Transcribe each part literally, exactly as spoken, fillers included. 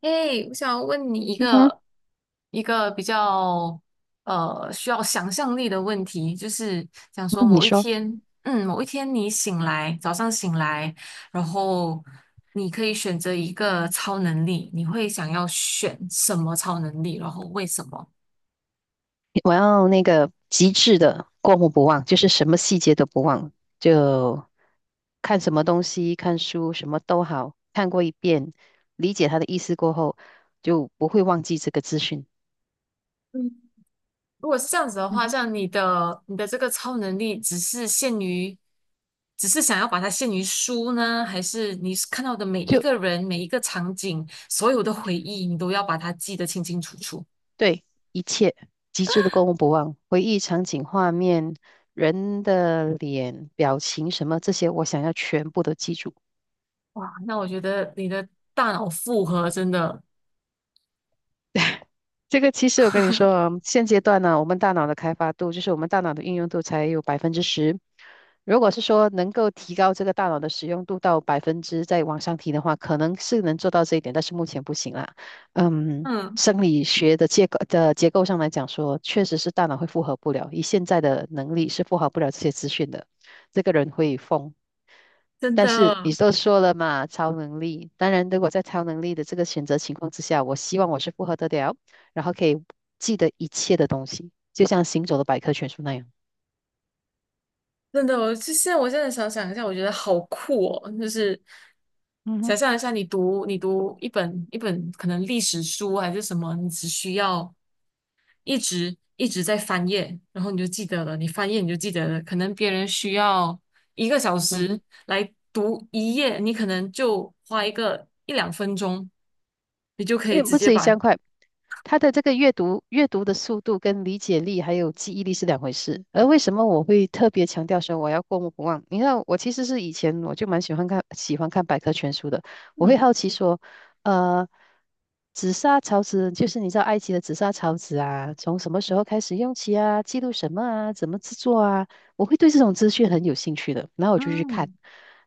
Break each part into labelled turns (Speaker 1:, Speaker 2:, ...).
Speaker 1: 诶，我想问你一
Speaker 2: 嗯
Speaker 1: 个一个比较呃需要想象力的问题，就是想说
Speaker 2: 嗯，你
Speaker 1: 某一
Speaker 2: 说，
Speaker 1: 天，嗯，某一天你醒来，早上醒来，然后你可以选择一个超能力，你会想要选什么超能力，然后为什么？
Speaker 2: 我要那个极致的过目不忘，就是什么细节都不忘，就看什么东西、看书什么都好，看过一遍，理解他的意思过后，就不会忘记这个资讯。
Speaker 1: 嗯。如果是这样子的
Speaker 2: 嗯
Speaker 1: 话，
Speaker 2: 哼。
Speaker 1: 像你的你的这个超能力只是限于，只是想要把它限于书呢，还是你是看到的每一
Speaker 2: 就，
Speaker 1: 个人、每一个场景、所有的回忆，你都要把它记得清清楚楚？
Speaker 2: 对，一切极致的过目不忘，回忆场景、画面、人的脸、表情什么这些，我想要全部都记住。
Speaker 1: 哇，那我觉得你的大脑负荷真的，
Speaker 2: 这个其实我跟你说啊，现阶段呢，我们大脑的开发度，就是我们大脑的运用度才有百分之十。如果是说能够提高这个大脑的使用度到百分之再往上提的话，可能是能做到这一点，但是目前不行啦。嗯，
Speaker 1: 嗯，
Speaker 2: 生理学的结构的结构上来讲说，确实是大脑会负荷不了，以现在的能力是负荷不了这些资讯的，这个人会疯。
Speaker 1: 真
Speaker 2: 但是你
Speaker 1: 的。
Speaker 2: 都说了嘛，超能力。当然，如果在超能力的这个选择情况之下，我希望我是复合得了，然后可以记得一切的东西，就像行走的百科全书那样。
Speaker 1: 真的，我就现在我现在想想一下，我觉得好酷哦，就是
Speaker 2: 嗯哼。
Speaker 1: 想象一下，你读你读一本一本可能历史书还是什么，你只需要一直一直在翻页，然后你就记得了，你翻页你就记得了，可能别人需要一个小
Speaker 2: 嗯
Speaker 1: 时
Speaker 2: 哼。
Speaker 1: 来读一页，你可能就花一个一两分钟，你就可以
Speaker 2: 诶，
Speaker 1: 直
Speaker 2: 不
Speaker 1: 接
Speaker 2: 止一千
Speaker 1: 把
Speaker 2: 块。他的这个阅读阅读的速度跟理解力还有记忆力是两回事。而为什么我会特别强调说我要过目不忘？你看，我其实是以前我就蛮喜欢看喜欢看百科全书的，我会
Speaker 1: 嗯
Speaker 2: 好奇说，呃，紫砂陶瓷，就是你知道埃及的紫砂陶瓷啊，从什么时候开始用起啊，记录什么啊，怎么制作啊，我会对这种资讯很有兴趣的，然后我就去看。
Speaker 1: 嗯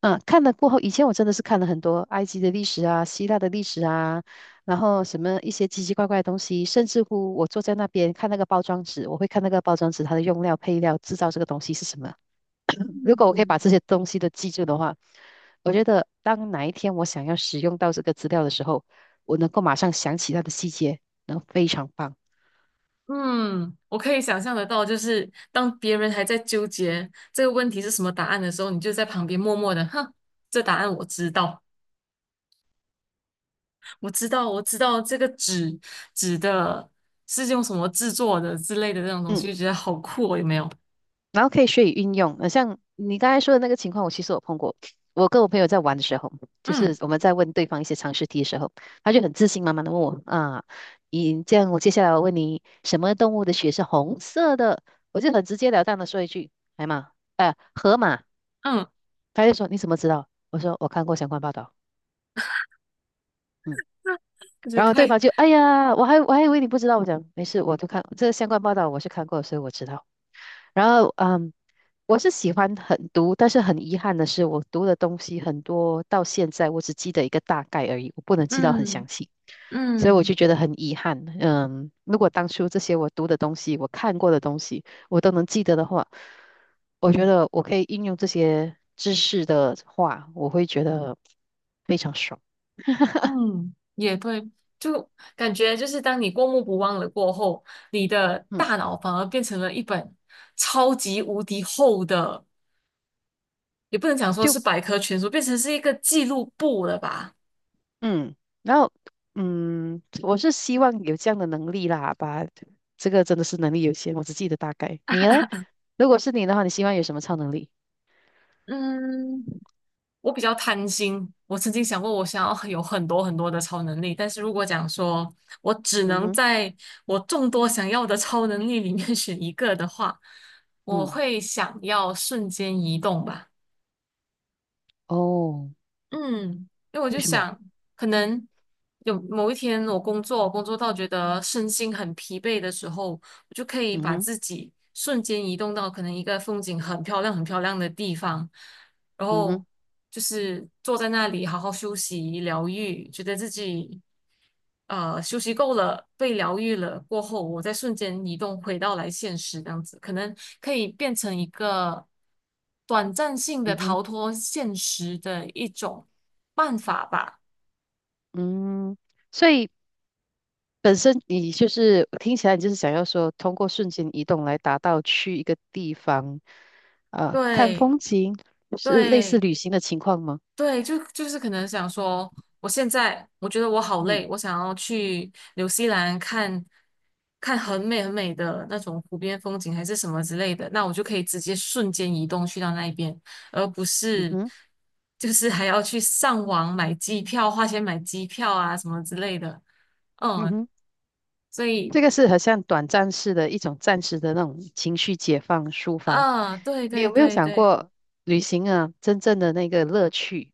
Speaker 2: 嗯，看了过后，以前我真的是看了很多埃及的历史啊、希腊的历史啊，然后什么一些奇奇怪怪的东西，甚至乎我坐在那边看那个包装纸，我会看那个包装纸它的用料、配料、制造这个东西是什么。如果我可以
Speaker 1: 嗯。
Speaker 2: 把这些东西都记住的话，我觉得当哪一天我想要使用到这个资料的时候，我能够马上想起它的细节，然后非常棒。
Speaker 1: 嗯，我可以想象得到，就是当别人还在纠结这个问题是什么答案的时候，你就在旁边默默的，哼，这答案我知道，我知道，我知道这个纸纸的是用什么制作的之类的这种东西，就
Speaker 2: 嗯。
Speaker 1: 觉得好酷哦，有没有？
Speaker 2: 然后可以学以运用。呃，像你刚才说的那个情况，我其实有碰过。我跟我朋友在玩的时候，就
Speaker 1: 嗯
Speaker 2: 是我们在问对方一些常识题的时候，他就很自信满满的问我啊，你这样，我接下来我问你，什么动物的血是红色的？我就很直截了当的说一句，海马，呃，河马。
Speaker 1: 嗯，
Speaker 2: 他就说你怎么知道？我说我看过相关报道。嗯。
Speaker 1: 那我觉得
Speaker 2: 然后对方
Speaker 1: 太，
Speaker 2: 就哎呀，我还我还以为你不知道，我讲没事，我就看这个相关报道，我是看过，所以我知道。然后，嗯，我是喜欢很读，但是很遗憾的是，我读的东西很多，到现在我只记得一个大概而已，我不能记到很
Speaker 1: 嗯
Speaker 2: 详细，所以我就
Speaker 1: 嗯
Speaker 2: 觉得很遗憾。嗯，如果当初这些我读的东西，我看过的东西，我都能记得的话，我觉得我可以应用这些知识的话，我会觉得非常爽。
Speaker 1: 嗯，也对，就感觉就是当你过目不忘了过后，你的
Speaker 2: 嗯，
Speaker 1: 大脑反而变成了一本超级无敌厚的。也不能讲说
Speaker 2: 就
Speaker 1: 是百科全书，变成是一个记录簿了吧？
Speaker 2: 嗯，然后嗯，我是希望有这样的能力啦，把这个真的是能力有限，我只记得大概。你呢？如果是你的话，你希望有什么超能力？
Speaker 1: 嗯，我比较贪心，我曾经想过我想要有很多很多的超能力，但是如果讲说我只
Speaker 2: 嗯
Speaker 1: 能
Speaker 2: 哼。
Speaker 1: 在我众多想要的超能力里面 选一个的话，我
Speaker 2: 嗯。
Speaker 1: 会想要瞬间移动吧。
Speaker 2: 哦，
Speaker 1: 嗯，因为我
Speaker 2: 为
Speaker 1: 就
Speaker 2: 什么？
Speaker 1: 想，可能有某一天我工作，工作到觉得身心很疲惫的时候，我就可以
Speaker 2: 嗯
Speaker 1: 把
Speaker 2: 哼。
Speaker 1: 自己瞬间移动到可能一个风景很漂亮、很漂亮的地方，然
Speaker 2: 嗯哼。
Speaker 1: 后就是坐在那里好好休息、疗愈，觉得自己呃休息够了、被疗愈了过后，我再瞬间移动回到来现实这样子，可能可以变成一个短暂性的
Speaker 2: 嗯哼。
Speaker 1: 逃脱现实的一种办法吧。
Speaker 2: 嗯，所以本身你就是听起来你就是想要说，通过瞬间移动来达到去一个地方，呃，看
Speaker 1: 对
Speaker 2: 风景，是类似
Speaker 1: 对。
Speaker 2: 旅行的情况吗？
Speaker 1: 对，就就是可能想说，我现在我觉得我好
Speaker 2: 嗯。
Speaker 1: 累，我想要去纽西兰看看很美很美的那种湖边风景，还是什么之类的，那我就可以直接瞬间移动去到那一边，而不
Speaker 2: 嗯
Speaker 1: 是
Speaker 2: 哼。
Speaker 1: 就是还要去上网买机票，花钱买机票啊什么之类的。
Speaker 2: 嗯
Speaker 1: 嗯，
Speaker 2: 哼。
Speaker 1: 所以，
Speaker 2: 这个是很像短暂式的一种暂时的那种情绪解放抒发。
Speaker 1: 嗯，对
Speaker 2: 你
Speaker 1: 对
Speaker 2: 有没有
Speaker 1: 对
Speaker 2: 想
Speaker 1: 对。
Speaker 2: 过旅行啊，真正的那个乐趣？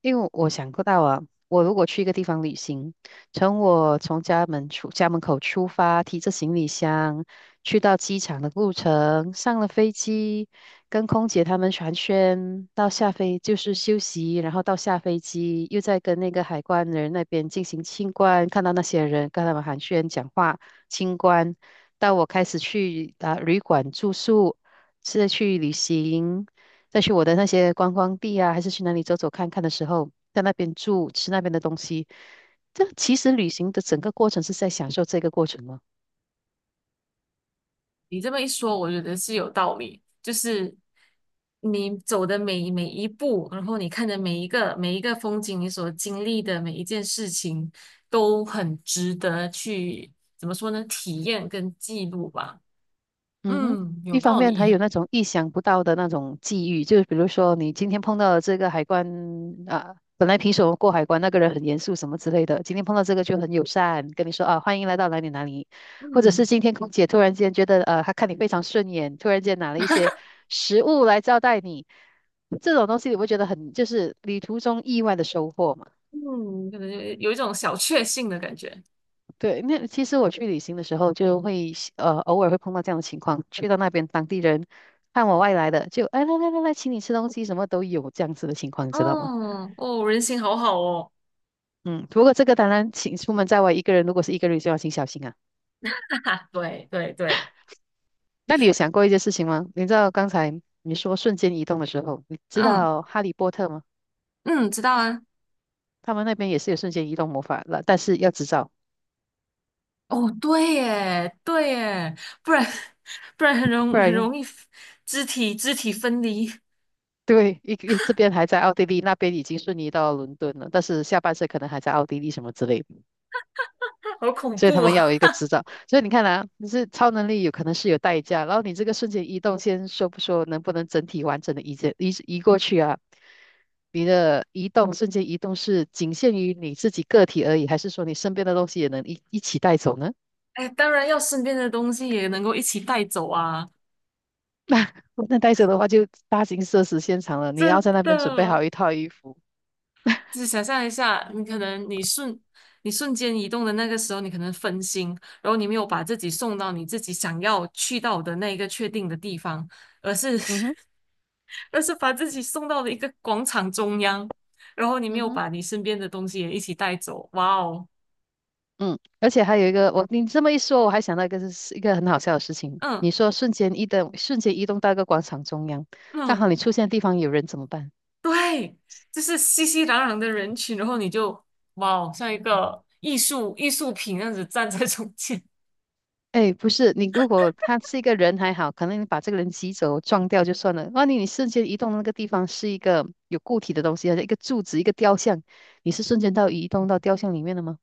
Speaker 2: 因为我想过到啊，我如果去一个地方旅行，从我从家门出家门口出发，提着行李箱去到机场的路程，上了飞机，跟空姐他们寒暄，到下飞就是休息，然后到下飞机又再跟那个海关人那边进行清关，看到那些人跟他们寒暄讲话。清关，到我开始去啊、旅馆住宿，是去旅行，再去我的那些观光地啊，还是去哪里走走看看的时候，在那边住，吃那边的东西。这其实旅行的整个过程是在享受这个过程吗？
Speaker 1: 你这么一说，我觉得是有道理。就是你走的每每一步，然后你看的每一个每一个风景，你所经历的每一件事情，都很值得去，怎么说呢？体验跟记录吧。
Speaker 2: 嗯哼。
Speaker 1: 嗯，有
Speaker 2: 一方
Speaker 1: 道
Speaker 2: 面还
Speaker 1: 理。
Speaker 2: 有那 种意想不到的那种际遇，就是比如说你今天碰到了这个海关啊，本来平时我们过海关那个人很严肃什么之类的，今天碰到这个就很友善，跟你说啊欢迎来到哪里哪里，或者是
Speaker 1: 嗯
Speaker 2: 今天空姐突然间觉得呃她看你非常顺眼，突然间拿了一些食物来招待你，这种东西你会觉得很就是旅途中意外的收获嘛？
Speaker 1: 嗯，可能有有一种小确幸的感觉。
Speaker 2: 对，那其实我去旅行的时候，就会喜呃偶尔会碰到这样的情况，去到那边当地人看我外来的，就哎来来来来，请你吃东西，什么都有这样子的情况，你知道吗？
Speaker 1: 哦哦，人心好好哦。
Speaker 2: 嗯，不过这个当然，请出门在外一个人，如果是一个人就要请小心啊。
Speaker 1: 对对对，
Speaker 2: 那你有想过一件事情吗？你知道刚才你说瞬间移动的时候，你知
Speaker 1: 嗯
Speaker 2: 道哈利波特吗？
Speaker 1: 嗯，知道啊。
Speaker 2: 他们那边也是有瞬间移动魔法了，但是要执照，
Speaker 1: 哦，对耶，对耶，不然 不然很容
Speaker 2: 不
Speaker 1: 很
Speaker 2: 然
Speaker 1: 容易肢体肢体分离，
Speaker 2: 对，一一这边还在奥地利，那边已经瞬移到伦敦了，但是下半身可能还在奥地利什么之类的。
Speaker 1: 好恐
Speaker 2: 所以他
Speaker 1: 怖
Speaker 2: 们
Speaker 1: 哦！
Speaker 2: 要有一个执照。所以你看啊，就是超能力有可能是有代价，然后你这个瞬间移动，先说不说能不能整体完整的移移移过去啊？你的移动瞬间移动是仅限于你自己个体而已，还是说你身边的东西也能一一起带走呢？
Speaker 1: 哎，当然要身边的东西也能够一起带走啊，
Speaker 2: 那带走的话就大型社死现场了，你要
Speaker 1: 真
Speaker 2: 在那边准备
Speaker 1: 的。
Speaker 2: 好一套衣服。
Speaker 1: 就想象一下，你可能你瞬你瞬间移动的那个时候，你可能分心，然后你没有把自己送到你自己想要去到的那一个确定的地方，而是
Speaker 2: 嗯哼。
Speaker 1: 而是把自己送到了一个广场中央，然后你没
Speaker 2: 嗯
Speaker 1: 有
Speaker 2: 哼。
Speaker 1: 把你身边的东西也一起带走，哇哦！
Speaker 2: 嗯，而且还有一个，我你这么一说，我还想到一个是一个很好笑的事情。
Speaker 1: 嗯。
Speaker 2: 你说瞬间移动，瞬间移动到一个广场中央，刚好
Speaker 1: 嗯，
Speaker 2: 你出现的地方有人怎么办？
Speaker 1: 对，就是熙熙攘攘的人群，然后你就哇，哦，像一个艺术艺术品那样子站在中间，
Speaker 2: 哎，不是，你如果他是一个人还好，可能你把这个人挤走、撞掉就算了。万一你瞬间移动的那个地方是一个有固体的东西，好像一个柱子、一个雕像，你是瞬间到移动到雕像里面了吗？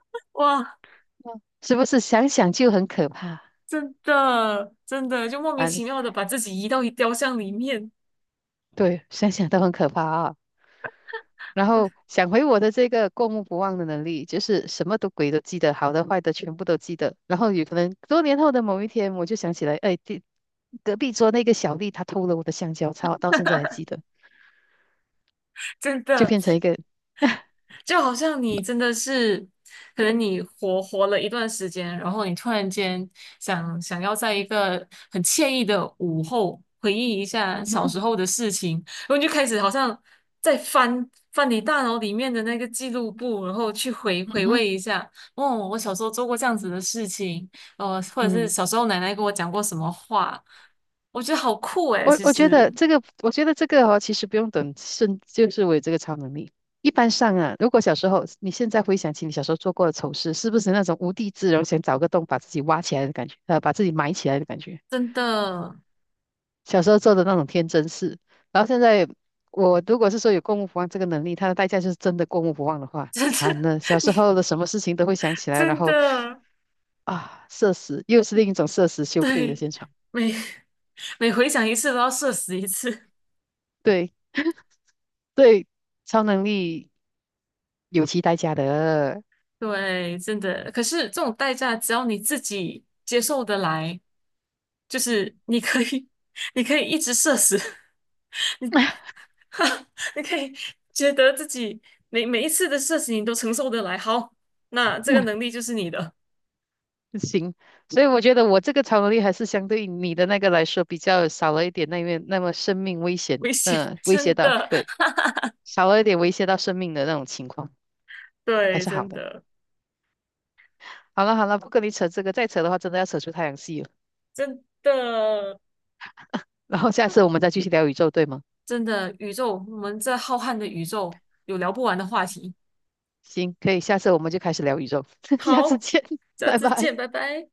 Speaker 1: 哇，
Speaker 2: 嗯是不是想想就很可怕
Speaker 1: 真的真的就莫名
Speaker 2: 啊？
Speaker 1: 其妙的把自己移到一雕像里面，
Speaker 2: 对，想想都很可怕啊。然后想回我的这个过目不忘的能力，就是什么都鬼都记得，好的坏的全部都记得。然后有可能多年后的某一天，我就想起来，哎，这隔壁桌那个小丽她偷了我的香蕉，她到现在还记得。
Speaker 1: 真
Speaker 2: 就
Speaker 1: 的。
Speaker 2: 变成一个，
Speaker 1: 就好像你真的是，可能你活活了一段时间，然后你突然间想想要在一个很惬意的午后回忆一
Speaker 2: 嗯
Speaker 1: 下小
Speaker 2: 哼。
Speaker 1: 时候的事情，然后你就开始好像在翻翻你大脑里面的那个记录簿，然后去回
Speaker 2: 嗯
Speaker 1: 回
Speaker 2: 哼。
Speaker 1: 味一下，哦，我小时候做过这样子的事情，呃，或者是
Speaker 2: 嗯，
Speaker 1: 小时候奶奶跟我讲过什么话，我觉得好酷诶，
Speaker 2: 我
Speaker 1: 其
Speaker 2: 我觉
Speaker 1: 实
Speaker 2: 得这个，我觉得这个哦，其实不用等甚就是我有这个超能力。一般上啊，如果小时候，你现在回想起你小时候做过的丑事，是不是那种无地自容，想找个洞把自己挖起来的感觉，呃，把自己埋起来的感觉？
Speaker 1: 真的，
Speaker 2: 小时候做的那种天真事，然后现在我如果是说有过目不忘这个能力，它的代价就是真的过目不忘的 话，
Speaker 1: 真的，
Speaker 2: 惨了，小时候的什么事情都会想起来，然
Speaker 1: 真
Speaker 2: 后
Speaker 1: 的。
Speaker 2: 啊，社死，又是另一种社死 羞愧的
Speaker 1: 对，
Speaker 2: 现场。
Speaker 1: 每 每回想一次都要社死一次，
Speaker 2: 对。对，超能力有其代价的。
Speaker 1: 对，真的。可是这种代价，只要你自己接受得来，就是你可以，你可以一直社死，你 你可以觉得自己每每一次的社死你都承受得来，好，那这个能 力就是你的。
Speaker 2: 行，所以我觉得我这个超能力还是相对于你的那个来说比较少了一点那面那么生命危险，
Speaker 1: 危险，
Speaker 2: 嗯、威胁
Speaker 1: 真
Speaker 2: 到，
Speaker 1: 的，
Speaker 2: 对，少了一点威胁到生命的那种情况，还
Speaker 1: 对，
Speaker 2: 是好
Speaker 1: 真
Speaker 2: 的。
Speaker 1: 的，
Speaker 2: 好了好了，不跟你扯这个，再扯的话真的要扯出太阳系了。
Speaker 1: 真的，
Speaker 2: 然后下次我们再继续聊宇宙，对吗？
Speaker 1: 真的，宇宙，我们在浩瀚的宇宙有聊不完的话题。
Speaker 2: 行，可以，下次我们就开始聊宇宙，下次
Speaker 1: 好，
Speaker 2: 见，
Speaker 1: 下
Speaker 2: 拜
Speaker 1: 次
Speaker 2: 拜。
Speaker 1: 见，拜拜。